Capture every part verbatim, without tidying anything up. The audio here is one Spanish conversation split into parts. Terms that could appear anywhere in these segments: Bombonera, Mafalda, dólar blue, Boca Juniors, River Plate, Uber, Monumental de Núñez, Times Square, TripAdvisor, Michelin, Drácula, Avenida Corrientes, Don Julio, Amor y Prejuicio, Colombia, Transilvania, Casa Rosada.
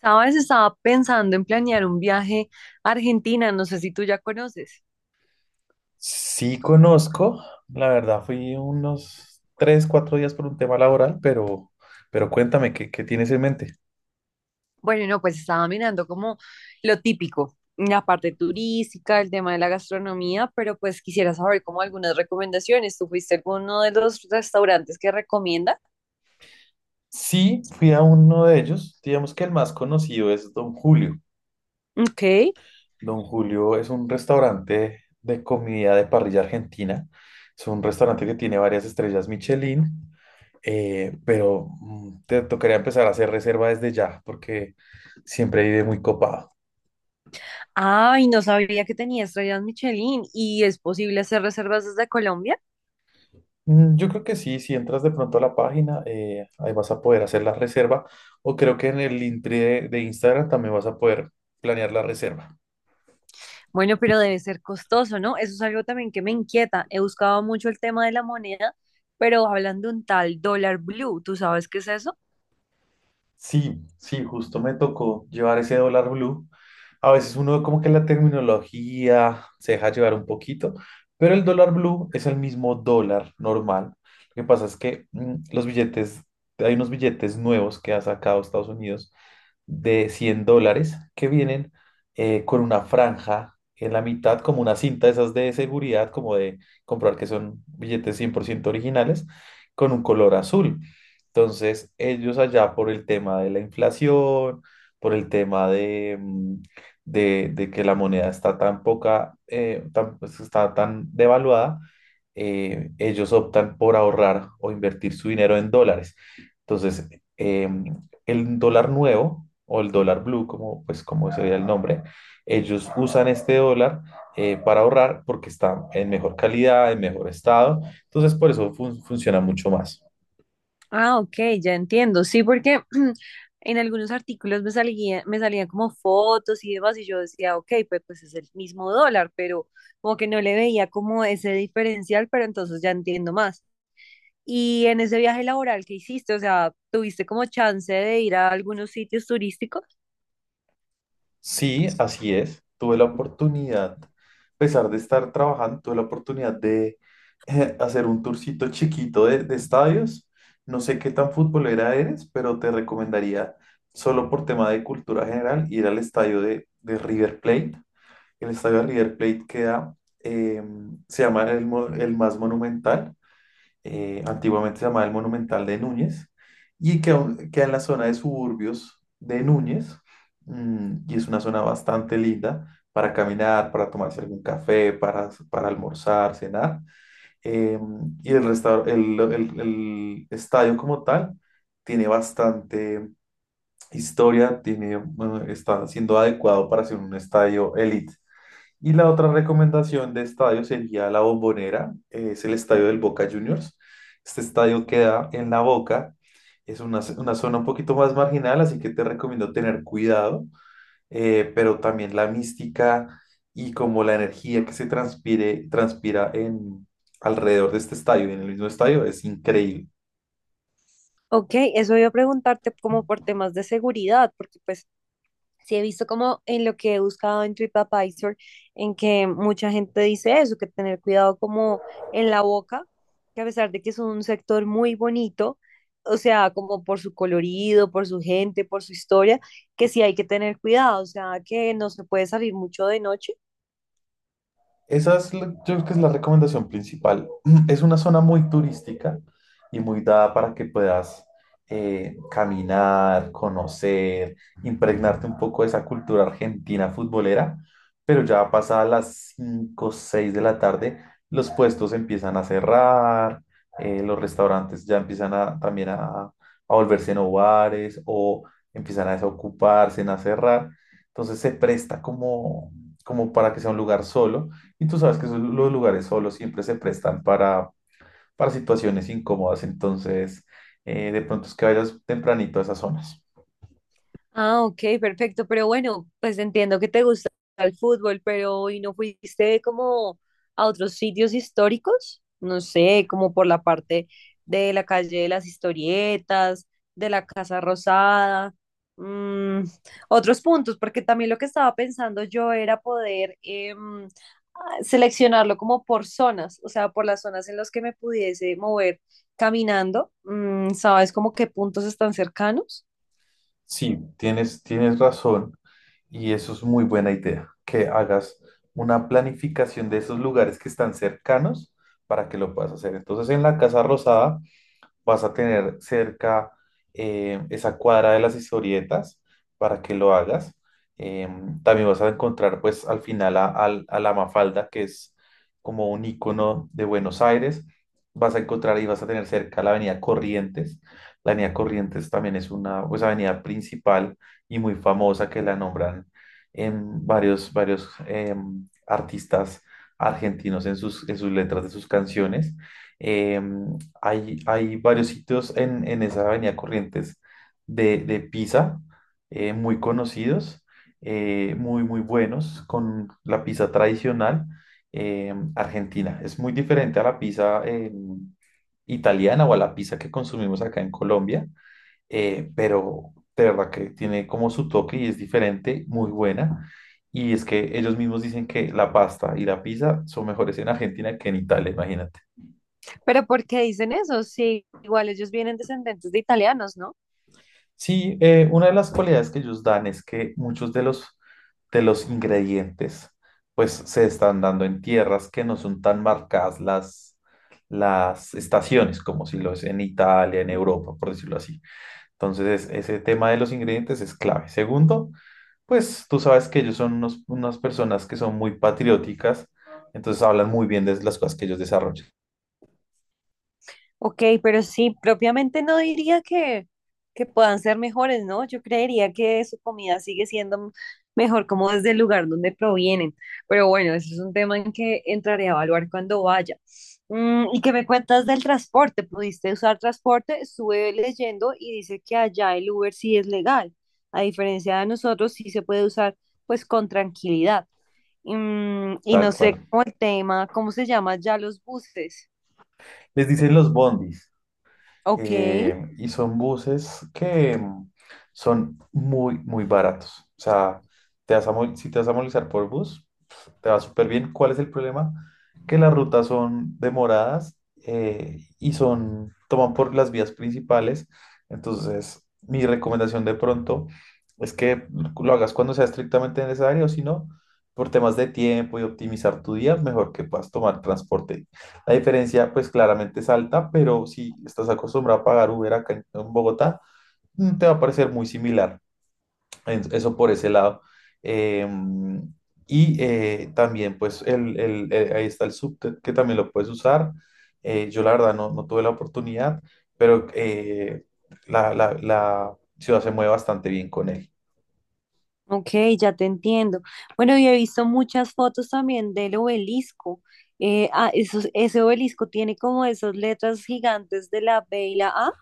Sabes, estaba pensando en planear un viaje a Argentina, no sé si tú ya conoces. Sí conozco, la verdad fui unos tres, cuatro días por un tema laboral, pero, pero cuéntame, ¿qué, qué tienes en mente? Bueno, no, pues estaba mirando como lo típico, la parte turística, el tema de la gastronomía, pero pues quisiera saber como algunas recomendaciones. ¿Tú fuiste a alguno de los restaurantes que recomienda? Sí, fui a uno de ellos, digamos que el más conocido es Don Julio. Ok. Don Julio es un restaurante de comida de parrilla argentina, es un restaurante que tiene varias estrellas Michelin, eh, pero mm, te tocaría empezar a hacer reserva desde ya, porque siempre vive muy copado. Ay, no sabía que tenía estrellas Michelin y es posible hacer reservas desde Colombia. Mm, Yo creo que sí, si entras de pronto a la página, eh, ahí vas a poder hacer la reserva o creo que en el link de, de Instagram también vas a poder planear la reserva. Bueno, pero debe ser costoso, ¿no? Eso es algo también que me inquieta. He buscado mucho el tema de la moneda, pero hablan de un tal dólar blue, ¿tú sabes qué es eso? Sí, sí, justo me tocó llevar ese dólar blue. A veces uno como que la terminología se deja llevar un poquito, pero el dólar blue es el mismo dólar normal. Lo que pasa es que mm, los billetes, hay unos billetes nuevos que ha sacado Estados Unidos de cien dólares que vienen eh, con una franja en la mitad, como una cinta de esas de seguridad, como de comprobar que son billetes cien por ciento originales, con un color azul. Entonces, ellos allá por el tema de la inflación, por el tema de, mm, de, de que la moneda está tan poca, eh, tan- pues, está tan devaluada, eh, ellos optan por ahorrar o invertir su dinero en dólares. Entonces, eh, el dólar nuevo o el dólar blue, como, pues, como sería el nombre, ellos usan este dólar eh, para ahorrar porque está en mejor calidad, en mejor estado. Entonces, por eso fun- funciona mucho más. Ah, ok, ya entiendo. Sí, porque en algunos artículos me salía, me salían como fotos y demás, y yo decía, ok, pues, pues es el mismo dólar, pero como que no le veía como ese diferencial, pero entonces ya entiendo más. Y en ese viaje laboral que hiciste, o sea, ¿tuviste como chance de ir a algunos sitios turísticos? Sí, así es. Tuve la oportunidad, a pesar de estar trabajando, tuve la oportunidad de eh, hacer un tourcito chiquito de, de estadios. No sé qué tan futbolera eres, pero te recomendaría, solo por tema de cultura general, ir al estadio de, de River Plate. El estadio de River Plate queda, eh, se llama el, mo- el más monumental, eh, antiguamente se llamaba el Monumental de Núñez, y queda, queda en la zona de suburbios de Núñez, mm, y es una zona bastante linda para caminar, para tomarse algún café, para, para almorzar, cenar, eh, y el, restaur- el, el el estadio como tal tiene bastante historia, tiene, bueno, está siendo adecuado para ser un estadio elite. Y la otra recomendación de estadio sería la Bombonera, eh, es el estadio del Boca Juniors. Este estadio queda en La Boca, es una, una zona un poquito más marginal, así que te recomiendo tener cuidado, eh, pero también la mística y como la energía que se transpire, transpira en, alrededor de este estadio y en el mismo estadio es increíble. Ok, eso iba a preguntarte como por temas de seguridad, porque pues sí he visto como en lo que he buscado en TripAdvisor, en que mucha gente dice eso, que tener cuidado como en la boca, que a pesar de que es un sector muy bonito, o sea, como por su colorido, por su gente, por su historia, que sí hay que tener cuidado, o sea, que no se puede salir mucho de noche. Esa es, la- yo creo que es la recomendación principal. Es una zona muy turística y muy dada para que puedas eh, caminar, conocer, impregnarte un poco de esa cultura argentina futbolera, pero ya pasada las cinco o seis de la tarde, los puestos empiezan a cerrar, eh, los restaurantes ya empiezan a, también a, a volverse en bares o empiezan a desocuparse, en a cerrar. Entonces se presta como, como para que sea un lugar solo y tú sabes que esos- los lugares solos siempre se prestan para, para situaciones incómodas, entonces eh, de pronto es que vayas tempranito a esas zonas. Ah, ok, perfecto. Pero bueno, pues entiendo que te gusta el fútbol, pero ¿y no fuiste como a otros sitios históricos? No sé, como por la parte de la calle de las historietas, de la Casa Rosada, mm, otros puntos, porque también lo que estaba pensando yo era poder em, a- seleccionarlo como por zonas, o sea, por las zonas en las que me pudiese mover caminando. Mm, ¿sabes como qué puntos están cercanos? Sí, tienes, tienes razón y eso es muy buena idea, que hagas una planificación de esos lugares que están cercanos para que lo puedas hacer. Entonces en la Casa Rosada vas a tener cerca eh, esa cuadra de las historietas para que lo hagas. Em, también vas a encontrar pues al final a, al- a la Mafalda, que es como un icono de Buenos Aires. Vas a encontrar y vas a tener cerca la Avenida Corrientes. La Avenida Corrientes también es una pues, avenida principal y muy famosa que la nombran en varios, varios em, artistas argentinos en sus, en sus letras de sus canciones. Em, hay, hay varios sitios en, en esa avenida Corrientes de, de pizza, eh, muy conocidos, eh, muy, muy buenos, con la pizza tradicional eh, argentina. Es muy diferente a la pizza eh, italiana o a la pizza que consumimos acá en Colombia, eh, pero de verdad que tiene como su toque y es diferente, muy buena. Y es que ellos mismos dicen que la pasta y la pizza son mejores en Argentina que en Italia, imagínate. Pero ¿por qué dicen eso? Sí, igual ellos vienen descendentes de italianos, ¿no? Sí, eh, una de las cualidades que ellos dan es que muchos de los, de los ingredientes pues se están dando en tierras que no son tan marcadas las, las estaciones, como si lo es en Italia, en Europa, por decirlo así. Entonces, ese tema de los ingredientes es clave. Segundo, pues tú sabes que ellos son unos- unas personas que son muy patrióticas, entonces hablan muy bien de las cosas que ellos desarrollan, Ok, pero sí, propiamente no diría que, que puedan ser mejores, ¿no? Yo creería que su comida sigue siendo mejor como desde el lugar donde provienen. Pero bueno, eso es un tema en que entraré a evaluar cuando vaya. Mm, ¿y qué me cuentas del transporte? ¿Pudiste usar transporte? Estuve leyendo y dice que allá el Uber sí es legal. A diferencia de nosotros, sí se puede usar pues con tranquilidad. Mm, y no tal sé cual. cómo el tema, ¿cómo se llama ya los buses? Les dicen los bondis. Ok. eh, y son buses que mm, son muy, muy baratos. O sea, te vas a mo- si te vas a movilizar por bus, pues, te va súper bien. ¿Cuál es el problema? Que las rutas son demoradas eh, y son, toman por las vías principales. Entonces, mi recomendación de pronto es que lo hagas cuando sea estrictamente necesario, si no, por temas de tiempo y optimizar tu día, mejor que puedas tomar transporte, la diferencia, pues claramente es alta, pero si estás acostumbrado a pagar Uber acá en, en Bogotá, mm, te va a parecer muy similar. En- Eso por ese lado. Em, y eh, también, pues, el, el- eh, ahí está el subte, que también lo puedes usar. Eh, yo la verdad no, no tuve la oportunidad, pero eh, la, la- la ciudad se mueve bastante bien con él. Ok, ya te entiendo. Bueno, yo he visto muchas fotos también del obelisco. Eh, ah, esos- ese obelisco tiene como esas letras gigantes de la be y la A,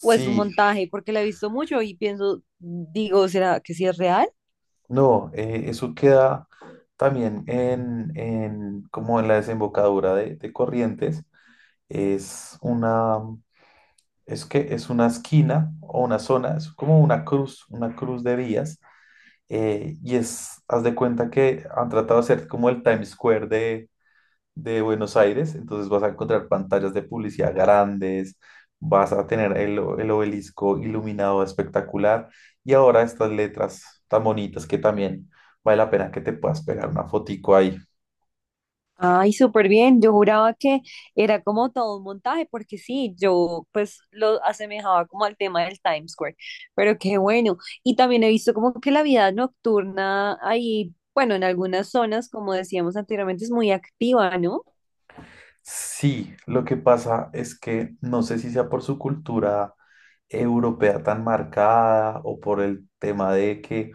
o es un montaje, porque la he visto mucho y pienso, digo, ¿será que sí es real? no, eh, eso queda también en, en- como en la desembocadura de de Corrientes. es una, es que es una esquina o una zona, es como una cruz, una cruz de vías, eh, y es, haz de cuenta que han tratado de hacer como el Times Square de, de Buenos Aires, entonces vas a encontrar pantallas de publicidad grandes, vas a tener el, o- el obelisco iluminado espectacular, y ahora estas letras tan bonitas que también vale la pena que te puedas pegar una fotico ahí. Ay, súper bien. Yo juraba que era como todo un montaje, porque sí, yo pues lo asemejaba como al tema del Times Square, pero qué bueno. Y también he visto como que la vida nocturna ahí, bueno, en algunas zonas, como decíamos anteriormente, es muy activa, ¿no? Sí, lo que pasa es que no sé si sea por su cultura europea tan marcada o por el tema de que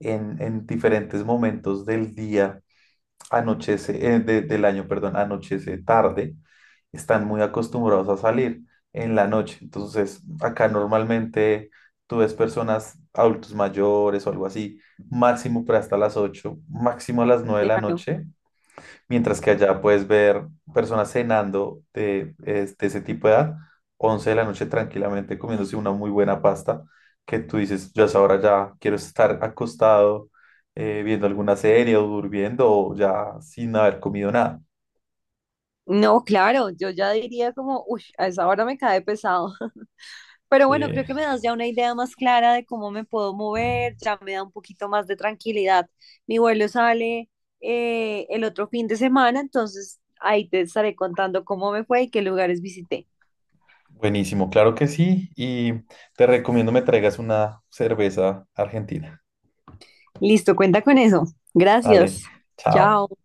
en, en diferentes momentos del día anochece, eh, de- del año, perdón, anochece tarde, están muy acostumbrados a salir en la noche. Entonces, acá normalmente tú ves personas, adultos mayores o algo así, máximo para hasta las ocho, máximo a las nueve de la Claro. noche. Mientras que allá puedes ver personas cenando de, es- de ese tipo de edad, once de la noche tranquilamente comiéndose una muy buena pasta, que tú dices, yo a esa hora ya quiero estar acostado eh, viendo alguna serie o durmiendo o ya sin haber comido nada. No, claro, yo ya diría como, uy, a esa hora me cae pesado. Pero bueno, creo Eh, que me das ya una idea más clara de cómo me puedo mover, ya me da un poquito más de tranquilidad. Mi vuelo sale eh, el otro fin de semana, entonces ahí te estaré contando cómo me fue y qué lugares visité. buenísimo, claro que sí. Y te recomiendo me traigas una cerveza argentina. Listo, cuenta con eso. Dale, Gracias. chao. Chao.